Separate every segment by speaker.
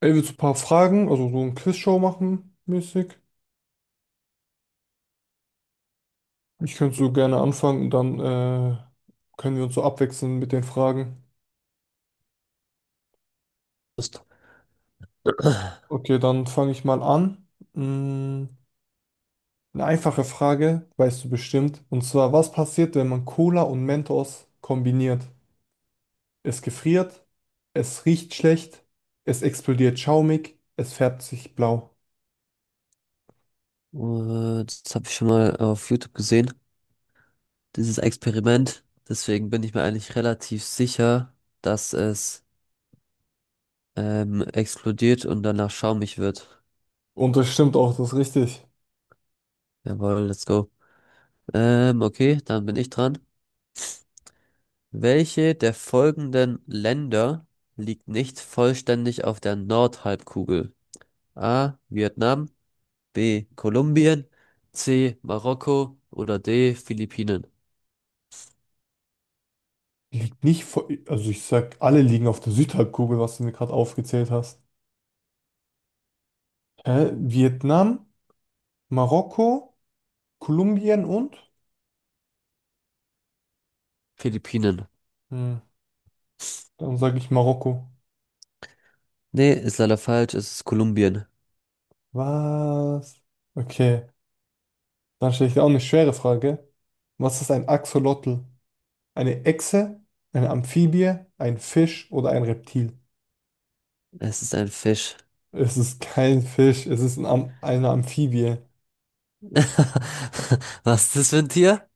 Speaker 1: Ey, willst du ein paar Fragen, also so ein Quizshow machen, mäßig? Ich könnte so gerne anfangen und dann können wir uns so abwechseln mit den Fragen.
Speaker 2: Ist. Äh,
Speaker 1: Okay, dann fange ich mal an. Mm, eine einfache Frage, weißt du bestimmt. Und zwar, was passiert, wenn man Cola und Mentos kombiniert? Es gefriert, es riecht schlecht, es explodiert schaumig, es färbt sich blau.
Speaker 2: Das habe ich schon mal auf YouTube gesehen, dieses Experiment. Deswegen bin ich mir eigentlich relativ sicher, dass es explodiert und danach schaumig wird.
Speaker 1: Und das stimmt auch, das ist richtig.
Speaker 2: Jawohl, let's go. Okay, dann bin ich dran. Welche der folgenden Länder liegt nicht vollständig auf der Nordhalbkugel? A. Vietnam, B. Kolumbien, C. Marokko oder D. Philippinen.
Speaker 1: Liegt nicht vor, also ich sag, alle liegen auf der Südhalbkugel, was du mir gerade aufgezählt hast. Hä? Vietnam, Marokko, Kolumbien und?
Speaker 2: Philippinen.
Speaker 1: Hm. Dann sage ich Marokko.
Speaker 2: Nee, ist leider falsch. Es ist Kolumbien.
Speaker 1: Was? Okay, dann stelle ich dir auch eine schwere Frage. Was ist ein Axolotl? Eine Echse, eine Amphibie, ein Fisch oder ein Reptil?
Speaker 2: Es ist ein Fisch.
Speaker 1: Es ist kein Fisch, es ist ein Am eine Amphibie.
Speaker 2: Was ist das für ein Tier?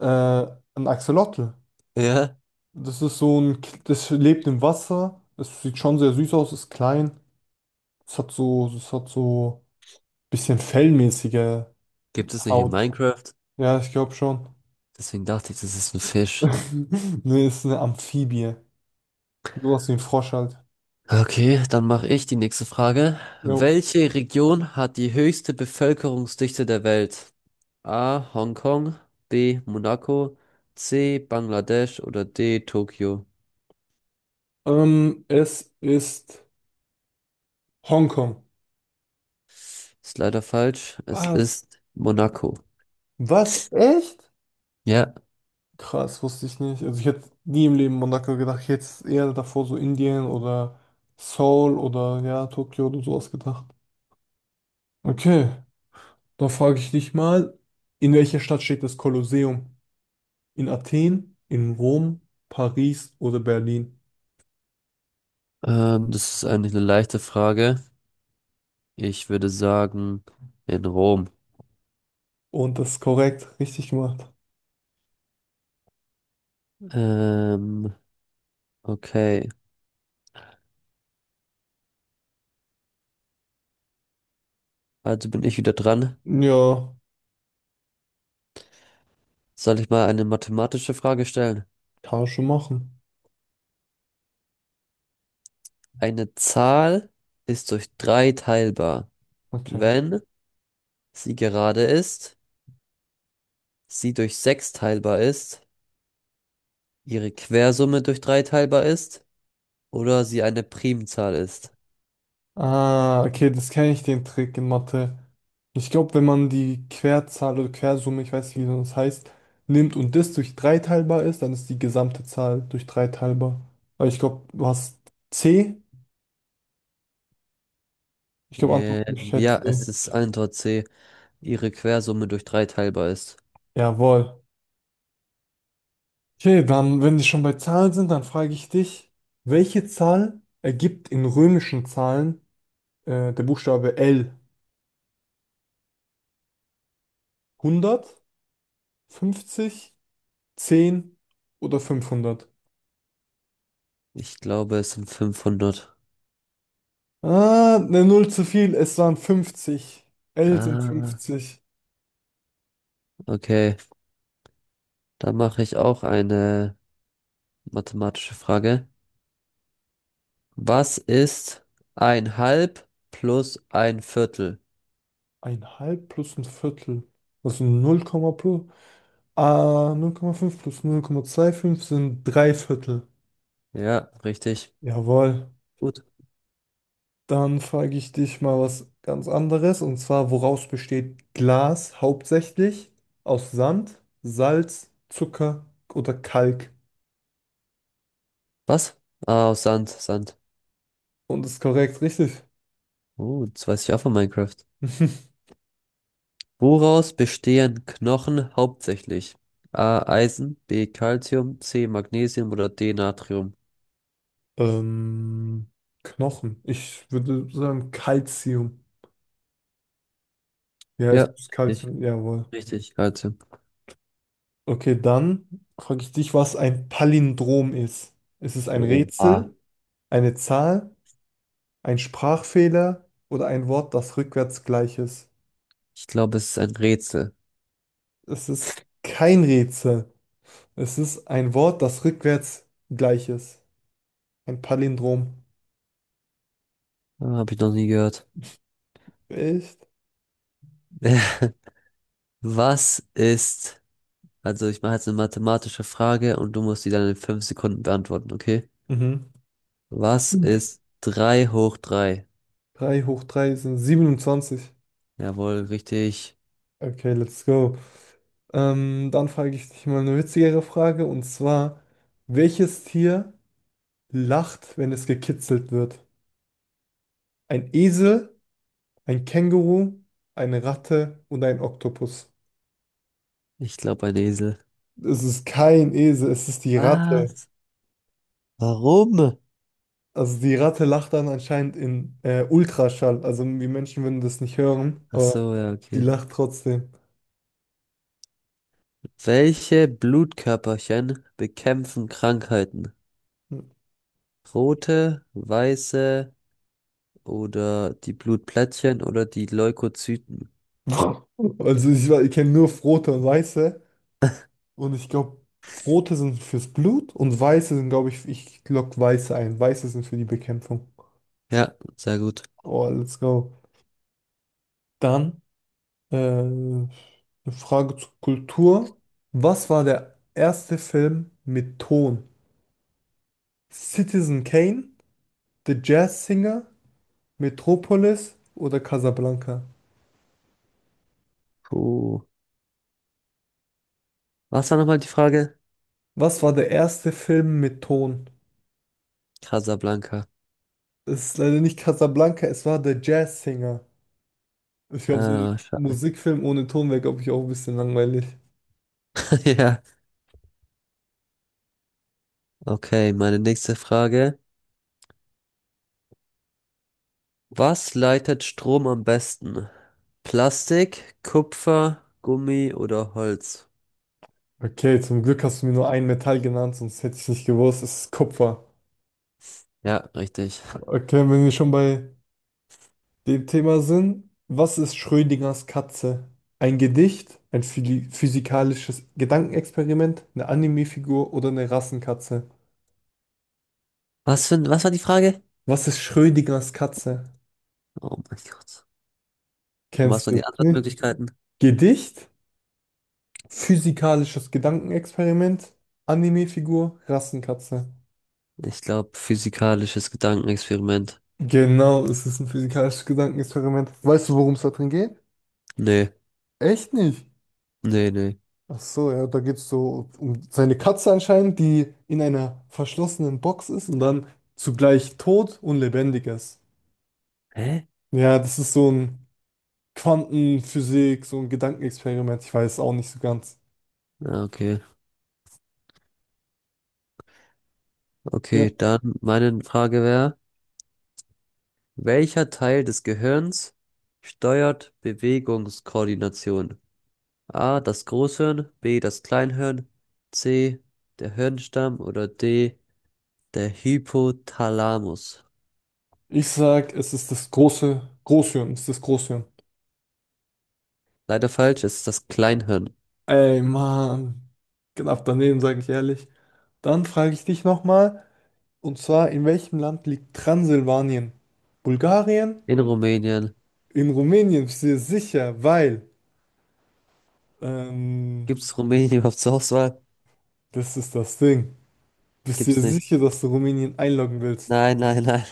Speaker 1: Äh, ein Axolotl.
Speaker 2: Ja,
Speaker 1: Das ist das lebt im Wasser. Es sieht schon sehr süß aus, ist klein. Es hat so bisschen fellmäßige
Speaker 2: gibt es nicht in
Speaker 1: Haut.
Speaker 2: Minecraft.
Speaker 1: Ja, ich glaube schon.
Speaker 2: Deswegen dachte ich, das ist ein Fisch.
Speaker 1: Nee, ist eine Amphibie. Sowas wie ein Frosch halt.
Speaker 2: Okay, dann mache ich die nächste Frage.
Speaker 1: Jo.
Speaker 2: Welche Region hat die höchste Bevölkerungsdichte der Welt? A. Hongkong, B. Monaco, C. Bangladesch oder D. Tokio?
Speaker 1: Es ist Hongkong.
Speaker 2: Ist leider falsch. Es
Speaker 1: Was?
Speaker 2: ist Monaco.
Speaker 1: Was? Echt?
Speaker 2: Ja,
Speaker 1: Krass, wusste ich nicht. Also ich hätte nie im Leben Monaco gedacht. Ich hätte es eher davor so Indien oder Seoul oder ja, Tokio oder sowas gedacht. Okay, dann frage ich dich mal, in welcher Stadt steht das Kolosseum? In Athen, in Rom, Paris oder Berlin?
Speaker 2: das ist eigentlich eine leichte Frage. Ich würde sagen, in Rom.
Speaker 1: Und das ist korrekt, richtig gemacht.
Speaker 2: Ähm, okay, also bin ich wieder dran.
Speaker 1: Ja.
Speaker 2: Soll ich mal eine mathematische Frage stellen?
Speaker 1: Tausche machen.
Speaker 2: Eine Zahl ist durch drei teilbar,
Speaker 1: Okay.
Speaker 2: wenn sie gerade ist, sie durch sechs teilbar ist, ihre Quersumme durch drei teilbar ist oder sie eine Primzahl ist.
Speaker 1: Ah, okay, das kenne ich, den Trick in Mathe. Ich glaube, wenn man die Querzahl oder Quersumme, ich weiß nicht, wie das heißt, nimmt und das durch drei teilbar ist, dann ist die gesamte Zahl durch drei teilbar. Aber ich glaube, du hast C. Ich glaube, Antwortmöglichkeit
Speaker 2: Ja,
Speaker 1: C.
Speaker 2: es ist Antwort C, ihre Quersumme durch drei teilbar ist.
Speaker 1: Jawohl. Okay, dann, wenn wir schon bei Zahlen sind, dann frage ich dich, welche Zahl ergibt in römischen Zahlen der Buchstabe L? Hundert, fünfzig, zehn oder 500?
Speaker 2: Ich glaube, es sind 500.
Speaker 1: Ah, eine Null zu viel. Es waren fünfzig. L sind
Speaker 2: Ah,
Speaker 1: 50.
Speaker 2: okay. Dann mache ich auch eine mathematische Frage. Was ist ein Halb plus ein Viertel?
Speaker 1: Ein halb plus ein Viertel. Das sind null Komma plus. Ah, null Komma fünf plus 0,25 sind drei Viertel.
Speaker 2: Ja, richtig.
Speaker 1: Jawohl.
Speaker 2: Gut.
Speaker 1: Dann frage ich dich mal was ganz anderes. Und zwar, woraus besteht Glas hauptsächlich? Aus Sand, Salz, Zucker oder Kalk?
Speaker 2: Was? Ah, aus Sand, Sand.
Speaker 1: Und ist korrekt, richtig?
Speaker 2: Oh, das weiß ich auch von Minecraft. Woraus bestehen Knochen hauptsächlich? A, Eisen, B, Calcium, C, Magnesium oder D, Natrium?
Speaker 1: Ähm, Knochen. Ich würde sagen Calcium. Ja, es
Speaker 2: Ja,
Speaker 1: muss
Speaker 2: richtig.
Speaker 1: Kalzium, jawohl.
Speaker 2: Richtig, Calcium.
Speaker 1: Okay, dann frage ich dich, was ein Palindrom ist. Ist es ein
Speaker 2: Oh, ah.
Speaker 1: Rätsel, eine Zahl, ein Sprachfehler oder ein Wort, das rückwärts gleich ist?
Speaker 2: Ich glaube, es ist ein Rätsel.
Speaker 1: Es ist kein Rätsel. Es ist ein Wort, das rückwärts gleich ist. Ein Palindrom.
Speaker 2: Ah, habe ich noch nie gehört.
Speaker 1: Echt?
Speaker 2: Was ist? Also ich mache jetzt eine mathematische Frage und du musst die dann in 5 Sekunden beantworten, okay?
Speaker 1: Mhm.
Speaker 2: Was ist 3 hoch 3?
Speaker 1: drei hoch 3 sind siebenundzwanzig.
Speaker 2: Jawohl, richtig.
Speaker 1: Okay, let's go. Dann frage ich dich mal eine witzigere Frage und zwar, welches Tier lacht, wenn es gekitzelt wird. Ein Esel, ein Känguru, eine Ratte und ein Oktopus.
Speaker 2: Ich glaube ein Esel.
Speaker 1: Es ist kein Esel, es ist die Ratte.
Speaker 2: Was? Warum?
Speaker 1: Also die Ratte lacht dann anscheinend in Ultraschall. Also wir Menschen würden das nicht hören,
Speaker 2: Ach
Speaker 1: aber
Speaker 2: so, ja,
Speaker 1: die
Speaker 2: okay.
Speaker 1: lacht trotzdem.
Speaker 2: Welche Blutkörperchen bekämpfen Krankheiten? Rote, weiße oder die Blutplättchen oder die Leukozyten?
Speaker 1: Also ich kenne nur rote und weiße. Und ich glaube, rote sind fürs Blut und weiße sind, glaube ich, ich lock weiße ein. Weiße sind für die Bekämpfung.
Speaker 2: Ja, sehr gut.
Speaker 1: Oh, let's go. Dann. Eine Frage zur Kultur. Was war der erste Film mit Ton? Citizen Kane, The Jazz Singer, Metropolis oder Casablanca?
Speaker 2: Puh. Was war nochmal die Frage?
Speaker 1: Was war der erste Film mit Ton?
Speaker 2: Casablanca.
Speaker 1: Es ist leider nicht Casablanca, es war The Jazz Singer. Ich glaube, so ein
Speaker 2: Ah, schade.
Speaker 1: Musikfilm ohne Ton wäre, glaube ich, auch ein bisschen langweilig.
Speaker 2: Ja. Okay, meine nächste Frage. Was leitet Strom am besten? Plastik, Kupfer, Gummi oder Holz?
Speaker 1: Okay, zum Glück hast du mir nur ein Metall genannt, sonst hätte ich nicht gewusst, es ist Kupfer.
Speaker 2: Ja, richtig.
Speaker 1: Okay, wenn wir schon bei dem Thema sind, was ist Schrödingers Katze? Ein Gedicht, ein physikalisches Gedankenexperiment, eine Anime-Figur oder eine Rassenkatze?
Speaker 2: Was für, was war die Frage?
Speaker 1: Was ist Schrödingers Katze?
Speaker 2: Oh mein Gott. Und was
Speaker 1: Kennst
Speaker 2: waren
Speaker 1: du?
Speaker 2: die
Speaker 1: Hm?
Speaker 2: Antwortmöglichkeiten?
Speaker 1: Gedicht, physikalisches Gedankenexperiment, Anime-Figur, Rassenkatze.
Speaker 2: Ich glaube, physikalisches Gedankenexperiment.
Speaker 1: Genau, es ist ein physikalisches Gedankenexperiment. Weißt du, worum es da drin geht?
Speaker 2: Nee,
Speaker 1: Echt nicht?
Speaker 2: nee, nee.
Speaker 1: Ach so, ja, da geht es so um seine Katze anscheinend, die in einer verschlossenen Box ist und dann zugleich tot und lebendig ist.
Speaker 2: Hä?
Speaker 1: Ja, das ist so ein Quantenphysik, so ein Gedankenexperiment. Ich weiß auch nicht so ganz.
Speaker 2: Ah, okay,
Speaker 1: Ja.
Speaker 2: okay, dann meine Frage wäre, welcher Teil des Gehirns steuert Bewegungskoordination? A, das Großhirn, B, das Kleinhirn, C, der Hirnstamm oder D, der Hypothalamus.
Speaker 1: Ich sag, es ist das große Großhirn, es ist das Großhirn.
Speaker 2: Leider falsch, es ist das Kleinhirn.
Speaker 1: Ey, Mann, knapp daneben, sage ich ehrlich. Dann frage ich dich nochmal, und zwar, in welchem Land liegt Transsilvanien? Bulgarien?
Speaker 2: In Rumänien.
Speaker 1: In Rumänien, sehr sicher, weil. Ähm,
Speaker 2: Gibt es Rumänien überhaupt zur Auswahl?
Speaker 1: Das ist das Ding. Bist du dir
Speaker 2: Gibt's nicht.
Speaker 1: sicher, dass du Rumänien einloggen willst?
Speaker 2: Nein, nein, nein.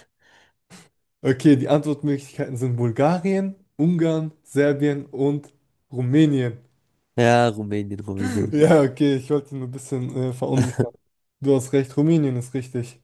Speaker 1: Okay, die Antwortmöglichkeiten sind Bulgarien, Ungarn, Serbien und Rumänien.
Speaker 2: Ja, Rumänien, Rumänien.
Speaker 1: Ja, okay, ich wollte nur ein bisschen verunsichern. Du hast recht, Rumänien ist richtig.